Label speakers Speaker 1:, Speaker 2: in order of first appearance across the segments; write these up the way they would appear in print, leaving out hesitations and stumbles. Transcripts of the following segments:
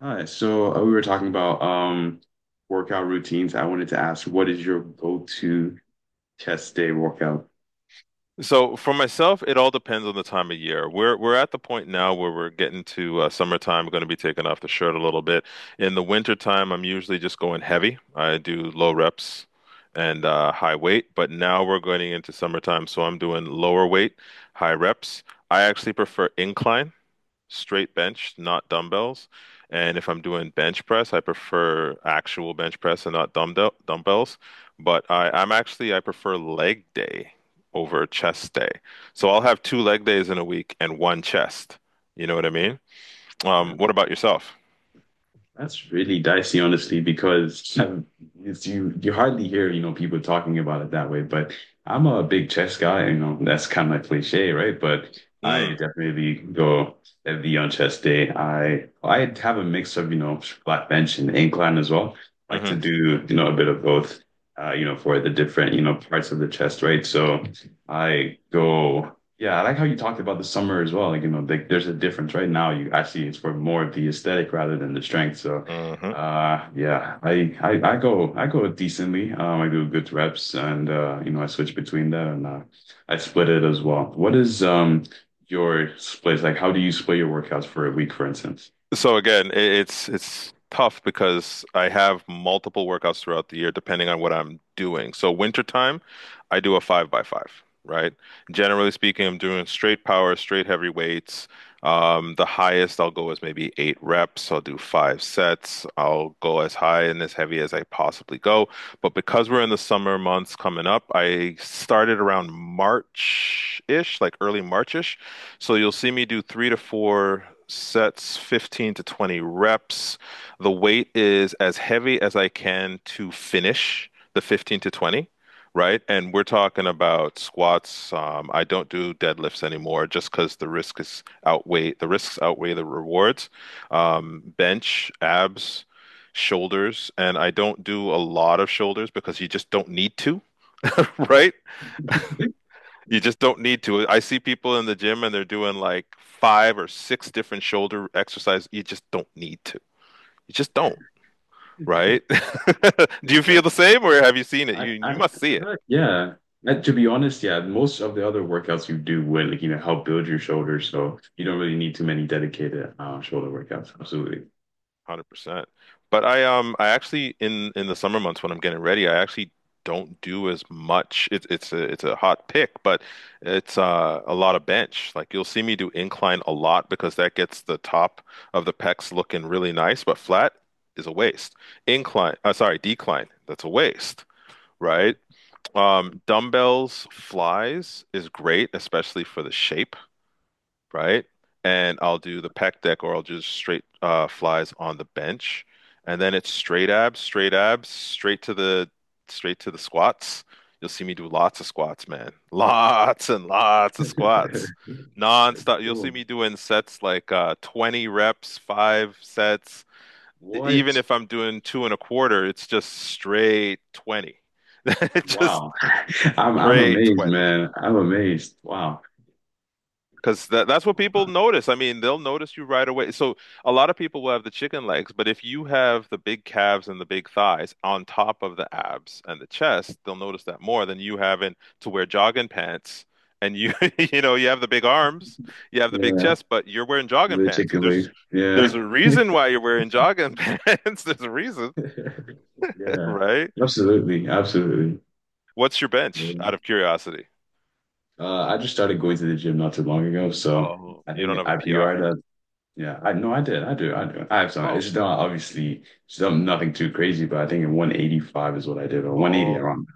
Speaker 1: Hi. We were talking about workout routines. I wanted to ask, what is your go-to chest day workout?
Speaker 2: So for myself, it all depends on the time of year. We're at the point now where we're getting to summertime. We're going to be taking off the shirt a little bit. In the wintertime, I'm usually just going heavy. I do low reps and high weight, but now we're going into summertime, so I'm doing lower weight, high reps. I actually prefer incline straight bench, not dumbbells. And if I'm doing bench press, I prefer actual bench press and not dumbbells. But I, I'm actually I prefer leg day over chest day. So I'll have two leg days in a week and one chest. You know what I mean?
Speaker 1: Yeah,
Speaker 2: What about yourself?
Speaker 1: that's really dicey, honestly, because it's, you hardly hear people talking about it that way. But I'm a big chest guy. You know, that's kind of like cliche, right? But I
Speaker 2: Mm.
Speaker 1: definitely go heavy on chest day. I have a mix of flat bench and incline as well. Like to
Speaker 2: Hmm.
Speaker 1: do a bit of both you know, for the different, you know, parts of the chest, right? So I go, yeah, I like how you talked about the summer as well. Like, you know, like there's a difference right now. You actually it's for more of the aesthetic rather than the strength. So,
Speaker 2: Hmm.
Speaker 1: yeah, I go decently. I do good reps, and you know, I switch between that, and I split it as well. What is your splits like? How do you split your workouts for a week, for instance?
Speaker 2: So again, it's tough because I have multiple workouts throughout the year depending on what I'm doing. So wintertime, I do a five by five, right? Generally speaking, I'm doing straight power, straight heavy weights. The highest I'll go is maybe 8 reps. I'll do 5 sets. I'll go as high and as heavy as I possibly go. But because we're in the summer months coming up, I started around March-ish, like early March-ish so you'll see me do 3 to 4 sets, 15 to 20 reps. The weight is as heavy as I can to finish the 15 to 20, right? And we're talking about squats. I don't do deadlifts anymore just because the risks outweigh the rewards. Bench, abs, shoulders, and I don't do a lot of shoulders because you just don't need to, right? You just don't need to. I see people in the gym and they're doing like five or six different shoulder exercises. You just don't need to. You just don't, right? Do you
Speaker 1: Yeah.
Speaker 2: feel the same or have you seen it?
Speaker 1: I,
Speaker 2: You
Speaker 1: I,
Speaker 2: you must see it.
Speaker 1: yeah. And to be honest, yeah, most of the other workouts you do would like, you know, help build your shoulders, so you don't really need too many dedicated shoulder workouts. Absolutely.
Speaker 2: 100%. But I actually in the summer months when I'm getting ready, I actually don't do as much. It's a hot pick, but it's a lot of bench. Like you'll see me do incline a lot because that gets the top of the pecs looking really nice, but flat is a waste. Decline, that's a waste, right? Dumbbells, flies is great, especially for the shape, right? And I'll do the pec deck or I'll just straight flies on the bench. And then it's straight abs, straight abs, straight to the squats. You'll see me do lots of squats, man. Lots and lots of squats. Non-stop. You'll see
Speaker 1: Cool.
Speaker 2: me doing sets like 20 reps, 5 sets. Even
Speaker 1: What?
Speaker 2: if I'm doing two and a quarter, it's just straight 20. Just
Speaker 1: Wow. I'm
Speaker 2: straight
Speaker 1: amazed,
Speaker 2: 20.
Speaker 1: man. I'm amazed. Wow.
Speaker 2: Because that's what people notice. I mean, they'll notice you right away. So a lot of people will have the chicken legs, but if you have the big calves and the big thighs on top of the abs and the chest, they'll notice that more than you having to wear jogging pants. And you, you know, you have the big arms, you have the big
Speaker 1: Yeah.
Speaker 2: chest, but you're wearing jogging
Speaker 1: The
Speaker 2: pants.
Speaker 1: chicken legs.
Speaker 2: There's
Speaker 1: Yeah.
Speaker 2: a reason why you're wearing jogging pants. There's a reason,
Speaker 1: Yeah.
Speaker 2: right?
Speaker 1: Absolutely. Absolutely.
Speaker 2: What's your
Speaker 1: Yeah.
Speaker 2: bench out of curiosity?
Speaker 1: I just started going to the gym not too long ago, so
Speaker 2: Oh,
Speaker 1: I
Speaker 2: you
Speaker 1: think
Speaker 2: don't have a
Speaker 1: I
Speaker 2: PR.
Speaker 1: PR'd. Yeah, I no, I did. I do. I do. I have some.
Speaker 2: Oh.
Speaker 1: It's not obviously still nothing too crazy, but I think in 185 is what I did, or 180
Speaker 2: Oh.
Speaker 1: around.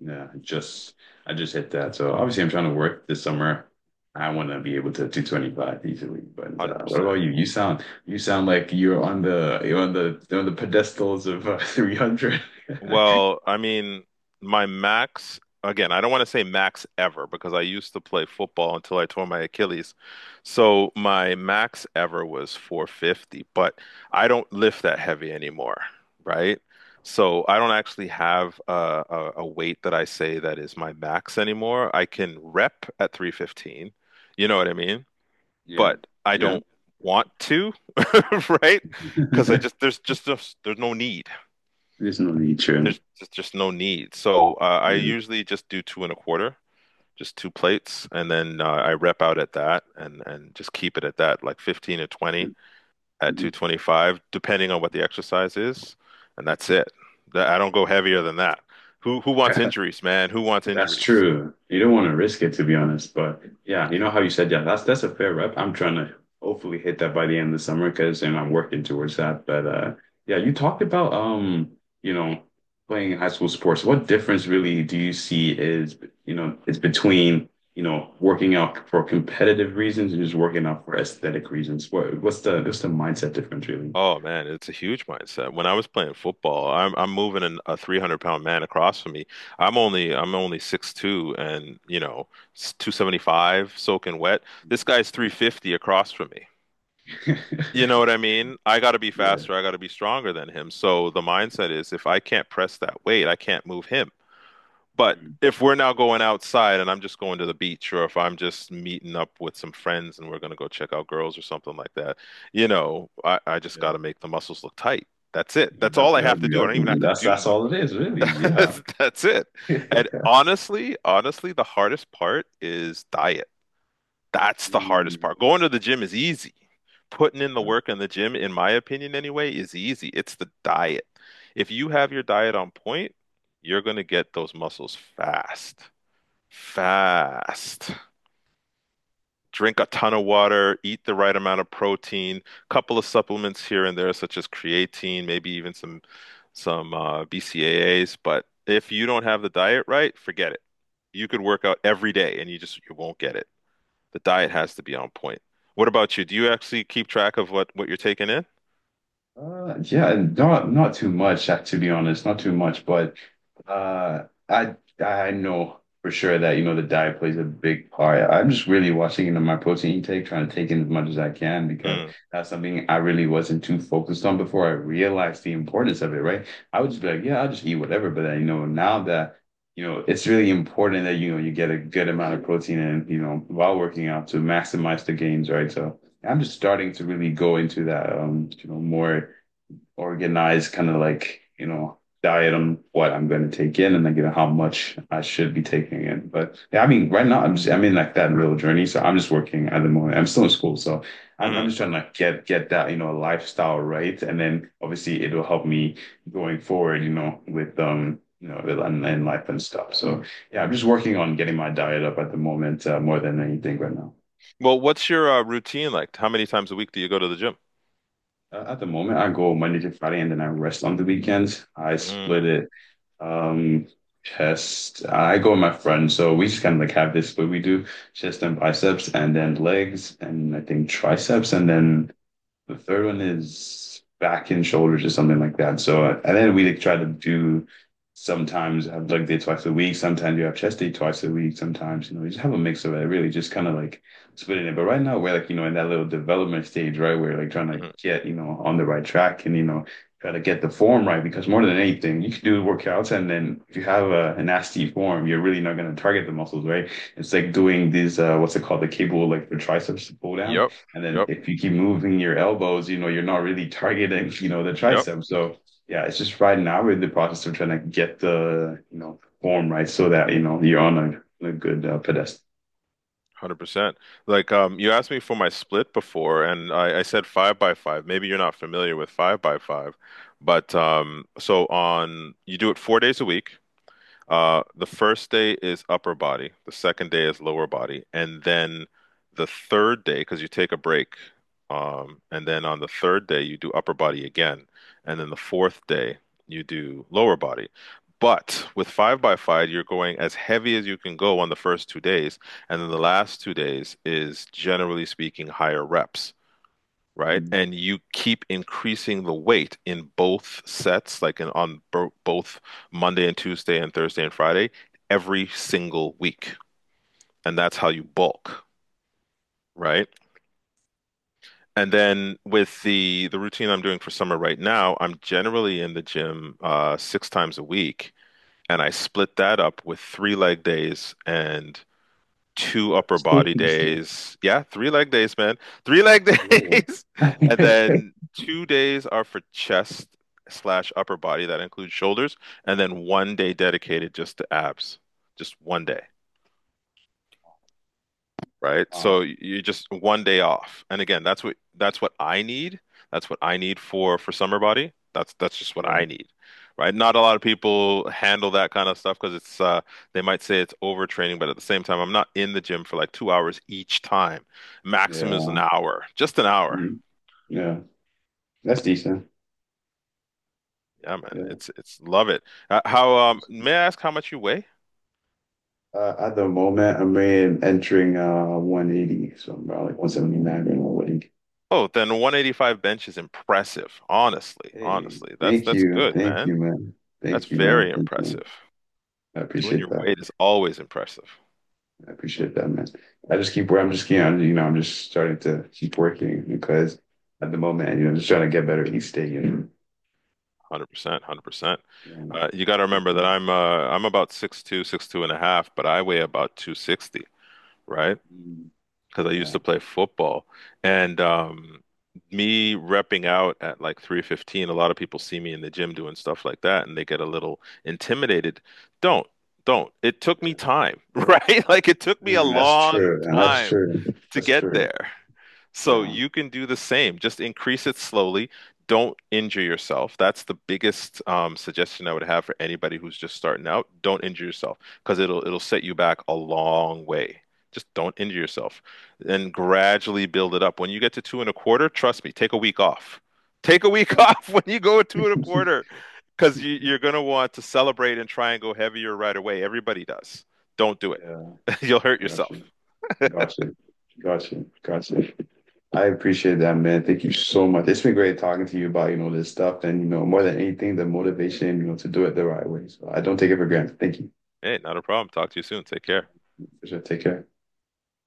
Speaker 1: Yeah, I just I just hit that. So obviously, I'm trying to work this summer. I want to be able to 225 easily. But what about you? You sound like you're on the on the pedestals of 300.
Speaker 2: Well, I mean, my max, again, I don't want to say max ever because I used to play football until I tore my Achilles. So my max ever was 450, but I don't lift that heavy anymore, right? So I don't actually have a weight that I say that is my max anymore. I can rep at 315, you know what I mean?
Speaker 1: Yeah,
Speaker 2: But I
Speaker 1: yeah.
Speaker 2: don't want to, right? Because I just, there's no need.
Speaker 1: There's no need, true.
Speaker 2: There's just no need. So I
Speaker 1: Yeah.
Speaker 2: usually just do two and a quarter, just two plates, and then I rep out at that and just keep it at that, like 15 or 20 at 225, depending on what the exercise is, and that's it. I don't go heavier than that. Who wants injuries, man? Who wants
Speaker 1: That's
Speaker 2: injuries?
Speaker 1: true. You don't want to risk it, to be honest. But yeah, you know how you said, yeah, that's a fair rep. I'm trying to hopefully hit that by the end of the summer because, and I'm working towards that. But yeah, you talked about you know, playing high school sports. What difference really do you see is, you know, is between, you know, working out for competitive reasons and just working out for aesthetic reasons? What's the mindset difference really?
Speaker 2: Oh man, it's a huge mindset. When I was playing football, I'm moving a 300-pound man across from me. I'm only 6'2" and, you know, 275 soaking wet. This guy's 350 across from me. You know what I mean? I got to be
Speaker 1: Yeah.
Speaker 2: faster, I got to be stronger than him. So the mindset is if I can't press that weight, I can't move him. But
Speaker 1: Mm,
Speaker 2: if we're now going outside and I'm just going to the beach, or if I'm just meeting up with some friends and we're going to go check out girls or something like that, you know, I just
Speaker 1: yeah.
Speaker 2: got to make the muscles look tight. That's it. That's
Speaker 1: Yep,
Speaker 2: all I
Speaker 1: yep,
Speaker 2: have to do.
Speaker 1: yep.
Speaker 2: I don't even have to
Speaker 1: That's
Speaker 2: do
Speaker 1: that's
Speaker 2: much.
Speaker 1: all it is, really. Yeah.
Speaker 2: That's it. And honestly, the hardest part is diet. That's the hardest
Speaker 1: Mm.
Speaker 2: part. Going to the gym is easy. Putting in the work in the gym, in my opinion anyway, is easy. It's the diet. If you have your diet on point, you're going to get those muscles fast. Fast. Drink a ton of water, eat the right amount of protein, couple of supplements here and there, such as creatine, maybe even some BCAAs. But if you don't have the diet right, forget it. You could work out every day and you won't get it. The diet has to be on point. What about you? Do you actually keep track of what you're taking in?
Speaker 1: Yeah, not too much, to be honest, not too much. But Uh, I I know for sure that the diet plays a big part. I'm just really watching into my protein intake, trying to take in as much as I can because
Speaker 2: Mm.
Speaker 1: that's something I really wasn't too focused on before I realized the importance of it, right? I would just be like, yeah, I'll just eat whatever, but then, you know, now that you know, it's really important that you get a good amount of protein and while working out to maximize the gains, right? So I'm just starting to really go into that you know, more organized kind of like, you know, diet on what I'm going to take in and then, you know, how much I should be taking in. But yeah, I mean, right now I'm just, I'm in like that real journey. So I'm just working at the moment. I'm still in school. So I'm
Speaker 2: Mm.
Speaker 1: just trying to like get that, you know, lifestyle right. And then obviously it will help me going forward, you know, with, you know, and life and stuff. So yeah, I'm just working on getting my diet up at the moment, more than anything right now.
Speaker 2: Well, what's your routine like? How many times a week do you go to the gym?
Speaker 1: At the moment, I go Monday to Friday and then I rest on the weekends. I split
Speaker 2: Mm.
Speaker 1: it Um, chest. I go with my friend, so we just kind of like have this, but we do chest and biceps, and then legs, and I think triceps, and then the third one is back and shoulders or something like that. So and then we like, try to do sometimes have leg day twice a week, sometimes you have chest day twice a week, sometimes you know, you just have a mix of it, really just kind of like splitting it. But right now we're like, you know, in that little development stage, right? We're like trying to
Speaker 2: Mm.
Speaker 1: get, you know, on the right track and you know, try to get the form right because more than anything, you can do workouts and then if you have a nasty form, you're really not gonna target the muscles, right? It's like doing these what's it called, the cable like the triceps pull down,
Speaker 2: Yep,
Speaker 1: and then
Speaker 2: yep,
Speaker 1: if you keep moving your elbows, you know, you're not really targeting, you know, the
Speaker 2: yep.
Speaker 1: tricep. So yeah, it's just right now we're in the process of trying to get the, you know, form right so that, you know, you're on a good pedestal.
Speaker 2: 100%. Like you asked me for my split before, and I said five by five. Maybe you're not familiar with five by five, but so on you do it 4 days a week. The first day is upper body, the second day is lower body, and then the third day, because you take a break, and then on the third day you do upper body again, and then the fourth day you do lower body. But with five by five, you're going as heavy as you can go on the first 2 days, and then the last 2 days is generally speaking higher reps, right?
Speaker 1: Mm.
Speaker 2: And you keep increasing the weight in both sets, like in, on bo both Monday and Tuesday and Thursday and Friday, every single week. And that's how you bulk, right? And then with the routine I'm doing for summer right now, I'm generally in the gym 6 times a week, and I split that up with 3 leg days and two upper body
Speaker 1: Jeez.
Speaker 2: days. Yeah, 3 leg days, man. Three leg
Speaker 1: Whoa.
Speaker 2: days. And then 2 days are for chest slash upper body. That includes shoulders. And then one day dedicated just to abs. Just one day, right?
Speaker 1: Wow.
Speaker 2: So you just one day off. And again, that's what I need. That's what I need for summer body. That's just what
Speaker 1: Yeah.
Speaker 2: I need, right? Not a lot of people handle that kind of stuff because it's they might say it's overtraining, but at the same time, I'm not in the gym for like 2 hours each time. Maximum is
Speaker 1: Yeah.
Speaker 2: an hour, just an hour.
Speaker 1: Mhm. Yeah. That's decent.
Speaker 2: Yeah, man,
Speaker 1: Yeah.
Speaker 2: it's love it. How may I ask how much you weigh?
Speaker 1: At the moment, entering 180, so I'm about like 179 or 180.
Speaker 2: Oh, then 185 bench is impressive. Honestly,
Speaker 1: Hey,
Speaker 2: honestly, that's that's good,
Speaker 1: thank you,
Speaker 2: man.
Speaker 1: man.
Speaker 2: That's
Speaker 1: Thank you, man.
Speaker 2: very
Speaker 1: Thank you.
Speaker 2: impressive.
Speaker 1: I
Speaker 2: Doing
Speaker 1: appreciate
Speaker 2: your
Speaker 1: that.
Speaker 2: weight is always impressive.
Speaker 1: I appreciate that, man. I'm just, you know, I'm just starting to keep working because at the moment, you know, just trying to get better each day, you
Speaker 2: 100%, 100%.
Speaker 1: know.
Speaker 2: You got to
Speaker 1: Like,
Speaker 2: remember that I'm about 6'2", 6'2" and a half, but I weigh about 260, right?
Speaker 1: mm,
Speaker 2: Because I used
Speaker 1: yeah.
Speaker 2: to play football. And me repping out at like 315, a lot of people see me in the gym doing stuff like that and they get a little intimidated. Don't, don't. It took me time, right? Like it took me a
Speaker 1: Mm, that's
Speaker 2: long
Speaker 1: true. And that's
Speaker 2: time
Speaker 1: true.
Speaker 2: to
Speaker 1: That's
Speaker 2: get
Speaker 1: true.
Speaker 2: there. So
Speaker 1: Yeah.
Speaker 2: you can do the same. Just increase it slowly. Don't injure yourself. That's the biggest suggestion I would have for anybody who's just starting out. Don't injure yourself because it'll set you back a long way. Just don't injure yourself and gradually build it up. When you get to two and a quarter, trust me, take a week off. Take a week off when you go at two and a quarter because you're going to want to celebrate and try and go heavier right away. Everybody does. Don't do it.
Speaker 1: yeah.
Speaker 2: You'll hurt
Speaker 1: Gotcha.
Speaker 2: yourself.
Speaker 1: Gotcha. Gotcha. Gotcha. I appreciate that, man. Thank you so much. It's been great talking to you about, you know, this stuff and, you know, more than anything, the motivation, you know, to do it the right way. So I don't take it for granted. Thank you.
Speaker 2: Hey, not a problem. Talk to you soon. Take care.
Speaker 1: For sure. Take care.